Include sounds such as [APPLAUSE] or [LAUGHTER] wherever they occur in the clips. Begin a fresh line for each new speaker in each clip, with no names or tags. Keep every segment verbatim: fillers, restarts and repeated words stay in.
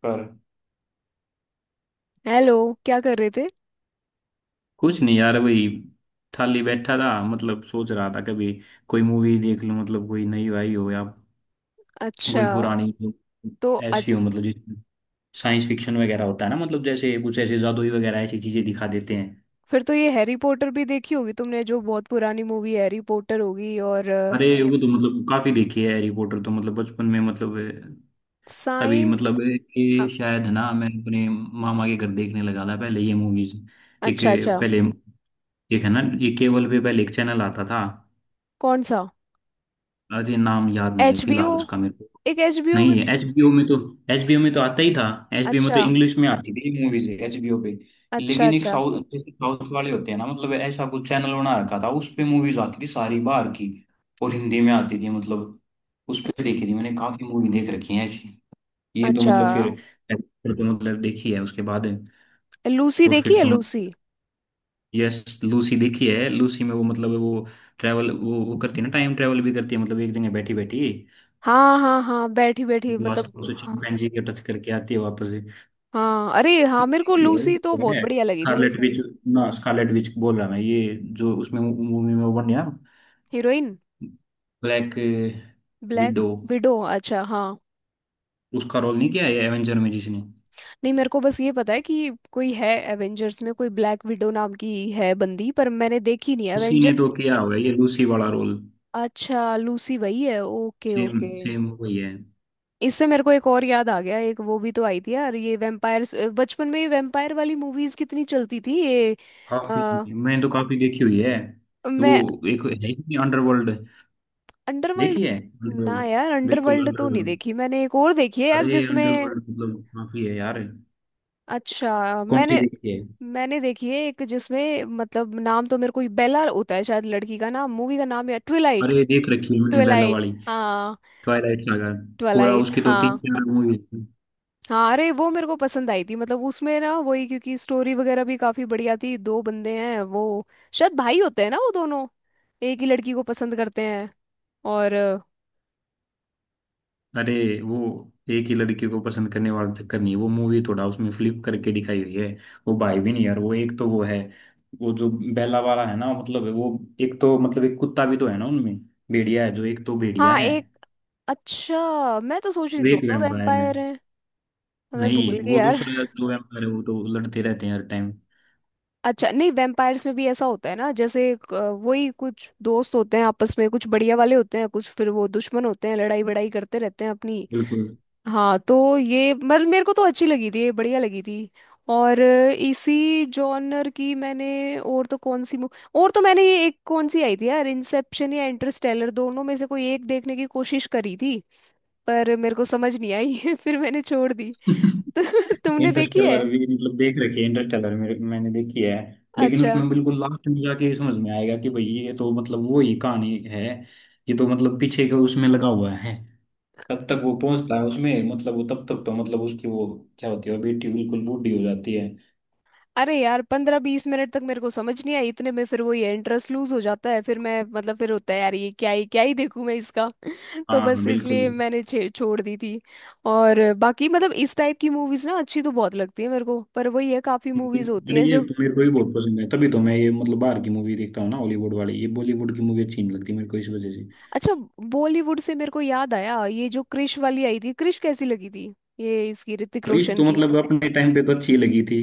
पर
हेलो। क्या कर रहे थे?
कुछ नहीं यार। वही खाली बैठा था, मतलब सोच रहा था कभी कोई मूवी देख लूं, मतलब कोई नई आई हो या
अच्छा।
कोई पुरानी जो
तो
ऐसी
आज?
हो, मतलब जिसमें साइंस फिक्शन वगैरह होता है ना, मतलब जैसे कुछ ऐसे जादुई वगैरह ऐसी चीजें दिखा देते हैं।
फिर तो ये हैरी पॉटर भी देखी होगी तुमने, जो बहुत पुरानी मूवी हैरी पॉटर होगी। और
अरे वो तो मतलब काफी देखी है हैरी पॉटर तो, मतलब बचपन में मतलब अभी
साइन।
मतलब ये
हाँ।
शायद ना, मैं अपने मामा के घर देखने लगा था पहले ये मूवीज। एक
अच्छा, अच्छा।
पहले एक है ना, ये केवल पे पहले एक चैनल आता था।
कौन सा?
अरे नाम याद नहीं है
एचबीओ?
फिलहाल उसका मेरे को।
एक एचबीओ भी।
नहीं, एचबीओ में तो, एचबीओ में तो आता ही था। एचबीओ में तो
अच्छा।
इंग्लिश में हाँ आती थी मूवीज एचबीओ पे।
अच्छा।
लेकिन एक
अच्छा।
साउथ, जैसे साउथ वाले होते हैं ना, मतलब ऐसा कुछ चैनल बना रखा था उस पे, मूवीज आती थी सारी बाहर की और हिंदी में आती थी मतलब। उस पे
अच्छ-
देखी थी मैंने, काफी मूवी देख रखी है ऐसी। ये तो
अच्छा।
मतलब फिर फिर तो मतलब देखी है उसके बाद।
लूसी
और
देखी
फिर
है,
तो
लूसी?
यस, लूसी देखी है। लूसी में वो मतलब वो ट्रैवल, वो वो करती है ना, टाइम ट्रैवल भी करती है मतलब, एक जगह बैठी बैठी।
हाँ, हाँ, हाँ, बैठी बैठी,
लास्ट में
मतलब
उसे
हाँ।
चिंपैंजी के टच करके आती है वापस
हाँ, अरे हाँ, मेरे को
ये,
लूसी तो
है
बहुत
ना।
बढ़िया लगी थी
स्कारलेट
वैसे।
विच, ना स्कारलेट विच बोल रहा मैं, ये जो उसमें मूवी में वो बन गया,
heroine.
Black
black.
Widow.
Widow. अच्छा हाँ।
उसका रोल नहीं किया है एवेंजर में जिसने,
नहीं, मेरे को बस ये पता है कि कोई है। एवेंजर्स में कोई ब्लैक विडो नाम की है बंदी, पर मैंने देखी नहीं
उसी
एवेंजर।
ने तो किया हुआ है ये लूसी वाला रोल।
अच्छा, लूसी वही है। Okay,
same
okay.
सेम वही है।
इससे मेरे को एक और याद आ गया, एक वो भी तो आई थी यार, ये वैम्पायर्स। बचपन में ये वैम्पायर वाली मूवीज कितनी चलती थी ये।
काफी
आ,
मैंने तो काफी देखी हुई है वो।
मैं।
एक है ही अंडरवर्ल्ड,
अंडरवर्ल्ड।
देखी है
ना
अंडरवर्ल्ड।
यार,
बिल्कुल
अंडरवर्ल्ड तो नहीं
अंडरवर्ल्ड।
देखी मैंने। एक और देखी है यार
अरे
जिसमें,
अंडरवर्ल्ड मतलब काफी है यार।
अच्छा
कौन सी
मैंने
देखी है?
मैंने देखी है एक, जिसमें मतलब नाम तो मेरे को बेला होता है शायद लड़की का नाम, मूवी का नाम, या ट्विलाइट।
अरे देख रखी है मैंने बेला
ट्विलाइट
वाली,
हाँ।
Twilight saga. पूरा
ट्विलाइट
उसकी तो तीन
हाँ।
चार मूवी।
हाँ, अरे वो मेरे को पसंद आई थी, मतलब उसमें ना, वही क्योंकि स्टोरी वगैरह भी काफी बढ़िया थी। दो बंदे हैं, वो शायद भाई होते हैं ना वो दोनों। एक ही लड़की को पसंद करते हैं। और
अरे वो एक ही लड़की को पसंद करने वाला चक्कर नहीं, वो मूवी थोड़ा उसमें फ्लिप करके दिखाई हुई है। वो भाई भी नहीं यार, वो एक तो वो है, वो जो बेला वाला है ना मतलब वो। एक तो मतलब एक कुत्ता भी तो है ना उनमें, भेड़िया है। जो एक तो भेड़िया
हाँ
है,
एक। अच्छा, मैं तो सोच रही
वो एक
दोनों
वैम्पायर है।
वैम्पायर हैं। मैं
नहीं,
भूल गई
वो
यार।
दूसरा जो वैम्पायर है वो तो लड़ते रहते हैं हर टाइम।
अच्छा, नहीं, वैम्पायर्स में भी ऐसा होता है ना, जैसे एक, अ, वही, कुछ दोस्त होते हैं आपस में, कुछ बढ़िया वाले होते हैं, कुछ फिर वो दुश्मन होते हैं, लड़ाई बड़ाई करते रहते हैं अपनी।
बिल्कुल।
हाँ तो ये मतलब मेरे को तो अच्छी लगी थी ये, बढ़िया लगी थी। और अ, इसी जॉनर की मैंने और तो कौन सी मु- और तो मैंने ये एक कौन सी आई थी यार, इंसेप्शन या इंटरस्टेलर, दोनों में से कोई एक देखने की कोशिश करी थी। पर मेरे को समझ नहीं आई [LAUGHS] फिर मैंने छोड़ दी।
[LAUGHS]
[LAUGHS] तो तुमने देखी है?
इंटरस्टेलर भी मतलब देख रखी है, इंटरस्टेलर मेरे, मैंने देखी है। लेकिन
अच्छा।
उसमें बिल्कुल लास्ट में जाके ये समझ में आएगा कि भाई ये तो मतलब वो ही कहानी है, ये तो मतलब पीछे का उसमें लगा हुआ है। तब तक वो पहुंचता है उसमें, मतलब वो तब तक तो मतलब उसकी वो क्या होती है, वो बेटी बिल्कुल बूढ़ी हो जाती है।
अरे यार, पंद्रह बीस मिनट तक मेरे को समझ नहीं आई। इतने में फिर वो ये इंटरेस्ट लूज हो जाता है, फिर मैं, मतलब फिर होता है यार, ये क्या ही क्या ही देखूं मैं इसका। तो
हाँ
बस
बिल्कुल।
इसलिए मैंने छे- छोड़ दी थी। और बाकी, मतलब इस टाइप की मूवीज ना अच्छी तो बहुत लगती है मेरे को, पर वही है, काफी मूवीज होती
अरे
हैं
ये
जो।
तो मेरे को भी बहुत पसंद है, तभी तो मैं ये मतलब बाहर की मूवी देखता हूँ ना, हॉलीवुड वाली। ये बॉलीवुड की मूवी अच्छी नहीं लगती मेरे को इस वजह से।
अच्छा। बॉलीवुड से मेरे को याद आया, ये जो क्रिश वाली आई थी, क्रिश कैसी लगी थी ये, इसकी ऋतिक
खरीश
रोशन
तो
की?
मतलब अपने टाइम पे तो अच्छी लगी थी।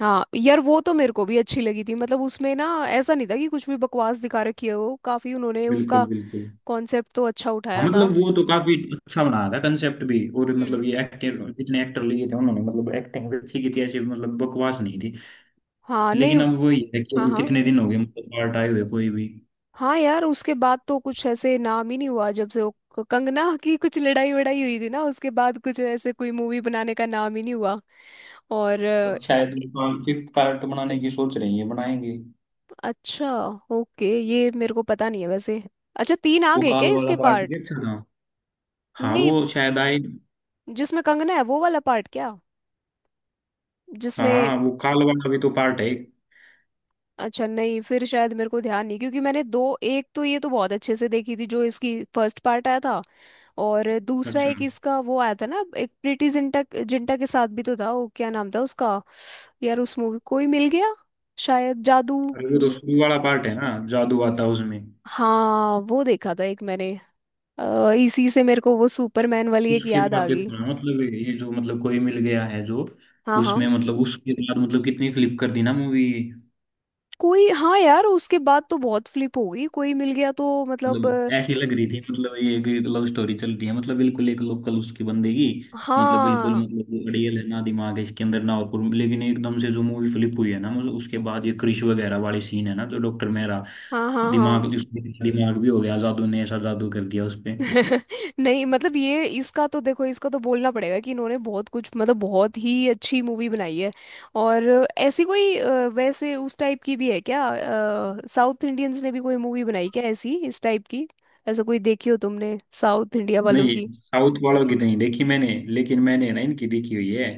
हाँ यार, वो तो मेरे को भी अच्छी लगी थी, मतलब उसमें ना ऐसा नहीं था कि कुछ भी बकवास दिखा रखी है, वो काफी उन्होंने उसका
बिल्कुल बिल्कुल।
कॉन्सेप्ट तो अच्छा
हाँ
उठाया था।
मतलब वो तो काफी अच्छा बनाया था कंसेप्ट भी, और मतलब
हम्म।
ये एक्टर, जितने एक्टर लिए थे उन्होंने, मतलब एक्टिंग भी अच्छी की थी ऐसी, मतलब बकवास नहीं थी।
हाँ नहीं।
लेकिन अब वही है कि
हाँ
अभी
हाँ।
कितने दिन हो गए मतलब पार्ट आए हुए कोई भी।
हाँ यार, उसके बाद तो कुछ ऐसे नाम ही नहीं हुआ, जब से वो क- कंगना की कुछ लड़ाई वड़ाई हुई थी ना, उसके बाद कुछ ऐसे कोई मूवी बनाने का नाम ही नहीं हुआ। और अ,
अब शायद फिफ्थ पार्ट बनाने की सोच रही है, बनाएंगे।
अच्छा। ओके, ये मेरे को पता नहीं है वैसे। अच्छा, तीन आ
वो
गए क्या
काल वाला
इसके
पार्ट
पार्ट?
ये अच्छा था। हाँ
नहीं,
वो शायद आए।
जिसमें कंगना है वो वाला पार्ट क्या? जिसमें।
हाँ वो काल वाला भी तो पार्ट है एक।
अच्छा नहीं, फिर शायद मेरे को ध्यान नहीं, क्योंकि मैंने दो, एक तो ये तो बहुत अच्छे से देखी थी, जो इसकी फर्स्ट पार्ट आया था। और दूसरा
अच्छा।
एक इसका वो आया था ना, एक प्रीटी जिंटा, जिंटा के साथ भी तो था। वो क्या नाम था उसका यार, उस मूवी, कोई मिल गया? शायद जादू
अरे वो तो
ज...
शुरू वाला पार्ट है ना, जादू आता है उसमें।
हाँ वो देखा था एक मैंने। अ, इसी से मेरे को वो सुपरमैन वाली एक
उसके
याद आ
बाद
गई।
देखो ना, मतलब ये जो मतलब कोई मिल गया है जो,
हाँ हाँ।
उसमें मतलब उसके बाद मतलब कितनी फ्लिप कर दी ना मूवी।
कोई, हाँ यार, उसके बाद तो बहुत फ्लिप हो गई। कोई मिल गया, तो मतलब
मतलब
अ,
ऐसी लग रही थी मतलब ये एक लव स्टोरी चल रही है, मतलब बिल्कुल एक लोकल उसकी बंदेगी, मतलब बिल्कुल
हाँ,
मतलब अड़ियल है ना, दिमाग है इसके अंदर ना और कुछ। लेकिन एकदम से जो मूवी फ्लिप हुई है ना, मतलब उसके बाद ये क्रिश वगैरह वाली सीन है ना, तो डॉक्टर मेहरा।
हाँ, हाँ,
दिमाग
हाँ।
उसके, दिमाग भी हो गया, जादू ने ऐसा जादू कर दिया उस पे।
[LAUGHS] नहीं, मतलब ये इसका तो देखो, इसका तो बोलना पड़ेगा कि इन्होंने बहुत कुछ, मतलब बहुत ही अच्छी मूवी बनाई है। और ऐसी कोई अ, वैसे, उस टाइप की भी है क्या? साउथ इंडियंस ने भी कोई मूवी बनाई क्या ऐसी, इस टाइप की? ऐसा कोई देखी हो तुमने साउथ इंडिया वालों
नहीं
की?
साउथ वालों की तो नहीं देखी मैंने, लेकिन मैंने ना इनकी देखी हुई है,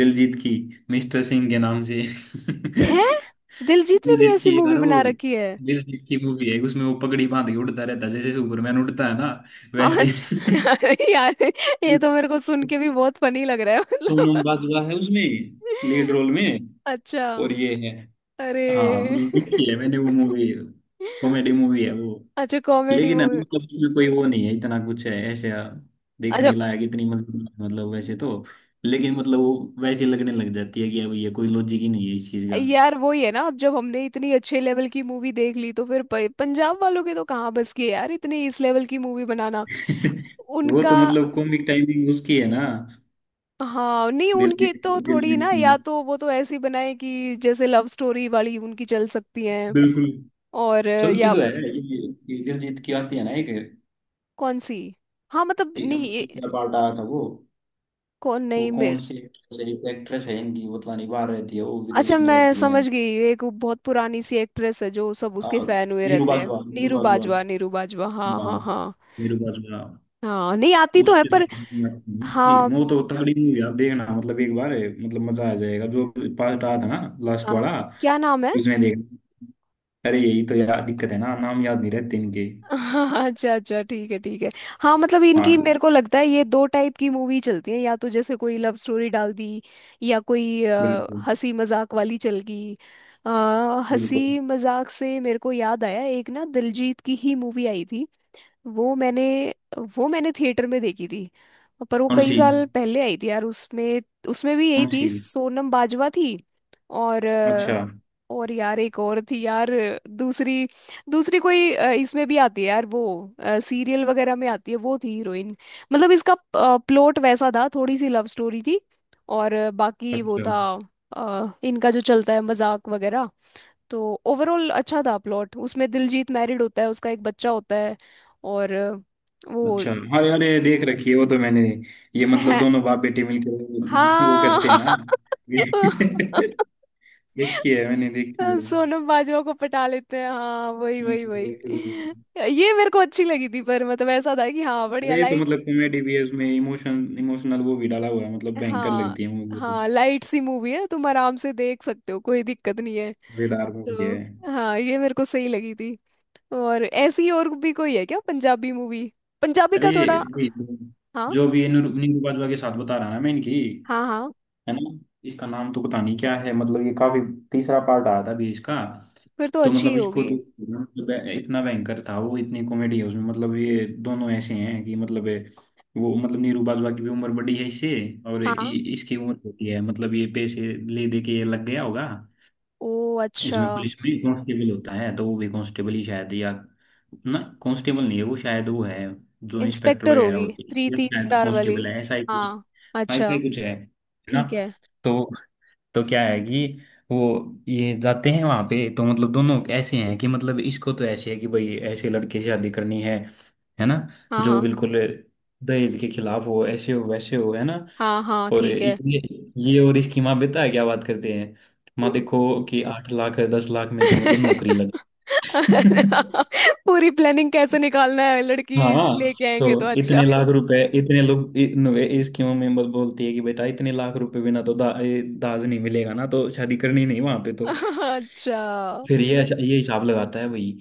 दिलजीत की, मिस्टर सिंह के नाम से। [LAUGHS]
है? दिलजीत ने भी
दिलजीत
ऐसी
की
मूवी
यार वो,
बना रखी है?
दिलजीत की मूवी है। उसमें वो पगड़ी बांध के उड़ता रहता है, जैसे सुपरमैन उड़ता है ना वैसे। [LAUGHS]
अच्छा [LAUGHS] अरे यार, ये तो मेरे को सुन के भी बहुत फनी लग रहा है,
सोनम
मतलब
बाजवा है उसमें लीड
[LAUGHS]
रोल में,
अच्छा।
और ये है। हाँ
अरे।
मतलब देखी है मैंने वो
[LAUGHS]
मूवी, कॉमेडी मूवी है वो।
अच्छा, कॉमेडी
लेकिन है ना,
मूवी।
मतलब उसमें कोई वो नहीं है, इतना कुछ है ऐसे
अच्छा।
देखने लायक इतनी, मतलब मतलब वैसे तो। लेकिन मतलब वो वैसे लगने लग जाती है कि अब ये कोई लॉजिक ही नहीं है इस चीज का।
यार वही है ना, अब जब हमने इतनी अच्छे लेवल की मूवी देख ली, तो फिर प- पंजाब वालों के तो कहाँ बस की है यार इतनी इस लेवल की मूवी बनाना।
[LAUGHS] वो
उनका।
तो मतलब कॉमिक टाइमिंग उसकी है ना।
हाँ नहीं, उनकी
दिलजीत
तो थोड़ी
दिलजीत
ना, या
की,
तो वो तो ऐसी बनाए कि जैसे लव स्टोरी वाली उनकी चल सकती हैं।
बिल्कुल।
और
चलती
या।
तो है ये ये दिलजीत की आती है ना एक।
कौन सी? हाँ मतलब
एक-
नहीं
अब
ये-
तो क्या पार्ट आया था वो
कौन,
वो
नहीं
कौन
मेरे।
सी एक्ट्रेस है। एक एक्ट्रेस है इनकी, वो तो पता नहीं बाहर रहती है, वो
अच्छा,
विदेश में
मैं
रहती है।
समझ गई। एक वो बहुत पुरानी सी एक्ट्रेस है, जो सब
आ,
उसके फैन हुए
नीरू
रहते हैं।
बाजवा, नीरू
नीरू
बाजवा।
बाजवा, नीरू बाजवा, हाँ,
हाँ
हाँ, हाँ।
नीरू बाजवा।
हाँ, नहीं आती तो है,
उसके
पर।
साथ में उसकी
हाँ।
वो तो तगड़ी मूवी, आप देखना मतलब एक बार, है मतलब मजा आ जाएगा। जो पार्ट आया था ना लास्ट
हाँ,
वाला,
क्या नाम है?
उसमें देख। अरे यही तो यार दिक्कत है ना, नाम याद नहीं रहते इनके।
[LAUGHS] अच्छा, अच्छा, ठीक है, ठीक है। हाँ, मतलब
हाँ
इनकी मेरे को लगता है ये दो टाइप की मूवी चलती है, या तो जैसे कोई लव स्टोरी डाल दी, या कोई अ,
बिल्कुल।
हंसी मजाक वाली चल गई। अ,
बिल्कुल।
हंसी मजाक से मेरे को याद आया, एक ना दिलजीत की ही मूवी आई थी। वो मैंने, वो मैंने थिएटर में देखी थी। पर वो कई
मुंशी।
साल पहले आई थी यार। उसमें, उसमें भी यही थी,
मुंशी।
सोनम बाजवा थी। और
अच्छा।
अ, और यार एक और थी यार। दूसरी, दूसरी कोई अ, इसमें भी आती है यार वो, सीरियल वगैरह में आती है, वो थी हीरोइन। मतलब इसका प्लॉट वैसा था, थोड़ी सी लव स्टोरी थी। और अ, बाकी वो
अच्छा
था, अ, इनका जो चलता है मजाक वगैरह। तो ओवरऑल अच्छा था प्लॉट, उसमें दिलजीत मैरिड होता है, उसका एक बच्चा होता है। और अ, वो।
अच्छा। अरे अरे देख रखी है वो तो मैंने। ये मतलब
है,
दोनों बाप बेटे मिलकर [LAUGHS] वो
हाँ।
करते हैं ना। [LAUGHS] देखी है, मैंने देखी
[LAUGHS]
है।
सोनम बाजवा को पटा लेते हैं, हाँ, वही,
हम्म,
वही,
बिल्कुल।
वही। ये मेरे को अच्छी लगी थी, पर मतलब ऐसा था कि हाँ, बढ़िया
अरे ये तो
लाइट।
मतलब कॉमेडी भी है, उसमें इमोशन, इमोशनल वो भी डाला हुआ है, मतलब भयंकर
हाँ,
लगती है मूवी तो,
हाँ, लाइट सी मूवी है, तुम आराम से देख सकते हो, कोई दिक्कत नहीं है।
मजेदार मूवी
तो
है।
हाँ, ये मेरे को सही लगी थी। और ऐसी और भी कोई है क्या पंजाबी मूवी? पंजाबी
अरे
का थोड़ा।
ये,
हाँ,
जो भी ये निरू- निरूपा दुआ के साथ बता रहा ना मैं इनकी,
हाँ, हाँ,
है ना। इसका नाम तो पता नहीं क्या है, मतलब ये काफी, तीसरा पार्ट आया था अभी इसका।
फिर तो
तो
अच्छी ही
मतलब इसको
होगी।
तो, मतलब इतना भयंकर था वो, इतनी कॉमेडी है उसमें, मतलब ये दोनों ऐसे हैं कि मतलब ये, वो मतलब नीरू बाजवा की भी उम्र बड़ी है इससे, और
हाँ,
इ- इसकी उम्र होती है मतलब, ये पैसे ले दे के ये लग गया होगा।
ओ अच्छा।
इसमें पुलिस में कांस्टेबल होता है, तो वो भी कांस्टेबल ही शायद, या ना कांस्टेबल नहीं है वो, शायद वो है जो इंस्पेक्टर
इंस्पेक्टर
वगैरह
होगी,
होते हैं।
थ्री
ये
तीन
शायद
स्टार वाली।
कांस्टेबल है, ऐसा ही कुछ।
हाँ। अच्छा,
ऐसा ही कुछ है है ना।
ठीक है।
तो तो क्या है कि वो, ये जाते हैं वहां पे तो मतलब दोनों ऐसे हैं कि मतलब इसको तो ऐसे है कि भाई ऐसे लड़के से शादी करनी है है ना,
हाँ,
जो
हाँ,
बिल्कुल दहेज के खिलाफ हो, ऐसे हो वैसे हो, है ना।
हाँ, हाँ,
और
ठीक है।
ये ये और इसकी माँ, बेटा है क्या बात करते हैं, माँ देखो कि आठ लाख दस लाख में तो मतलब नौकरी
[LAUGHS]
लग। [LAUGHS]
पूरी प्लानिंग कैसे निकालना है, लड़की
हाँ
लेके
तो
आएंगे तो अच्छा।
इतने लाख रुपए इतने लोग, इ- इस क्यों में बोल- बोलती है कि बेटा इतने लाख रुपए बिना तो दा, ये दाज नहीं मिलेगा ना, तो शादी करनी नहीं वहां पे तो।
अच्छा।
फिर ये अच्छा, ये हिसाब लगाता है भाई,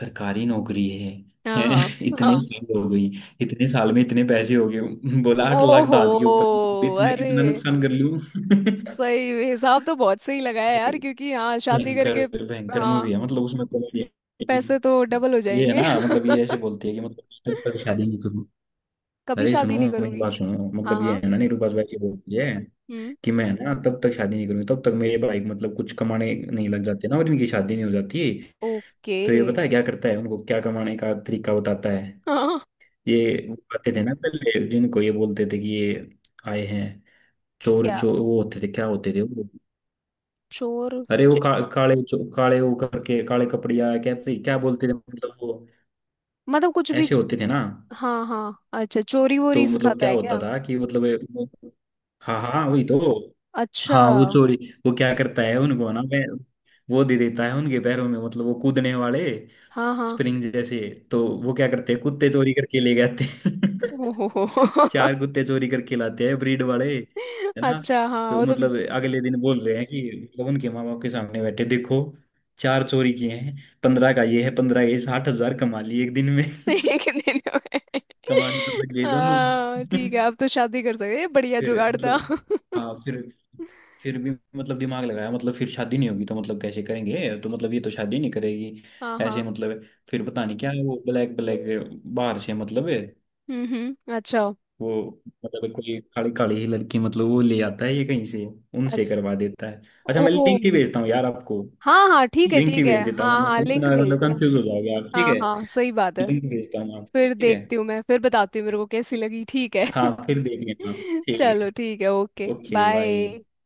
सरकारी नौकरी है,
हाँ,
हैं?
हाँ,
[LAUGHS] इतने
हाँ।
साल हो गई, इतने साल में इतने पैसे हो गए, बोला आठ लाख
ओहो।
दाज के ऊपर इतना
अरे,
इतना नुकसान कर लूं। [LAUGHS]
सही हिसाब तो बहुत सही लगाया यार, क्योंकि हाँ, शादी
भयंकर,
करके
भयंकर मूवी
हाँ
है मतलब उसमें कॉमेडी।
पैसे तो डबल हो
ये है
जाएंगे।
ना, मतलब ये ऐसे बोलती है कि मतलब तब तक
[LAUGHS]
शादी नहीं करूँ।
कभी
अरे सुनो,
शादी नहीं
मेरी
करूंगी।
बात सुनो,
हाँ,
मतलब ये
हाँ।
है ना निरूपा, वैसे बोलती है
हम्म।
कि मैं ना तब तक शादी नहीं करूंगी, तब तक मेरे भाई मतलब कुछ कमाने नहीं लग जाते ना, और इनकी शादी नहीं हो जाती।
ओके।
तो ये पता है क्या करता है, उनको क्या कमाने का तरीका बताता है।
हाँ।
ये वो आते थे ना पहले, जिनको ये बोलते थे कि ये आए हैं, चोर
क्या?
चोर, वो होते थे क्या, होते थे वो।
चोर।
अरे वो
च-
का, काले चो- काले वो करके काले कपड़िया, क्या क्या बोलते थे मतलब वो
मतलब कुछ भी।
ऐसे होते थे ना।
हाँ, हाँ, अच्छा, चोरी
तो
वोरी
मतलब
सिखाता
क्या
है
होता
क्या?
था कि मतलब ये, हाँ हाँ वही तो,
अच्छा।
हाँ वो चोरी। वो क्या करता है उनको ना मैं, वो दे देता है उनके पैरों में, मतलब वो कूदने वाले
हाँ, हाँ।
स्प्रिंग जैसे। तो वो क्या करते हैं, कुत्ते चोरी करके ले जाते हैं। [LAUGHS]
ओहो।
चार कुत्ते चोरी करके लाते हैं, ब्रीड वाले, है
[LAUGHS]
ना।
अच्छा हाँ,
तो
वो तो।
मतलब अगले दिन बोल रहे हैं कि मतलब उनके माँ बाप के सामने बैठे देखो, चार चोरी किए हैं, पंद्रह का ये है, पंद्रह, ये साठ हजार कमा लिए एक दिन में।
[LAUGHS]
[LAUGHS]
एक दिन में।
कमाने तो लग गए दोनों।
हाँ ठीक है,
[LAUGHS]
अब तो शादी कर सकते हैं, बढ़िया
फिर
जुगाड़ था।
मतलब
[LAUGHS]
हाँ फिर फिर भी मतलब दिमाग लगाया, मतलब फिर शादी नहीं होगी तो मतलब कैसे करेंगे, तो मतलब ये तो शादी नहीं करेगी
हाँ,
ऐसे
हाँ।
मतलब। फिर पता नहीं क्या है वो, ब्लैक ब्लैक बाहर से मतलब है
हम्म, हम्म, अच्छा।
वो, मतलब कोई काली काली ही लड़की मतलब वो ले आता है ये कहीं से, उनसे
अच्छा।
करवा देता है। अच्छा
ओ।
मैं लिंक ही भेजता हूँ यार आपको,
हाँ, हाँ, ठीक है,
लिंक ही
ठीक है,
भेज देता
हाँ,
हूँ
हाँ,
आपको,
लिंक
इतना
भेज
मतलब
दो।
कंफ्यूज हो जाओगे आप, ठीक
हाँ,
है।
हाँ, सही बात है।
लिंक भेजता हूँ आपको,
फिर
ठीक है।
देखती हूँ मैं, फिर बताती हूँ मेरे को कैसी लगी, ठीक है।
हाँ फिर देख लेना आप,
[LAUGHS]
ठीक
चलो
है।
ठीक है, ओके,
ओके बाय।
बाय।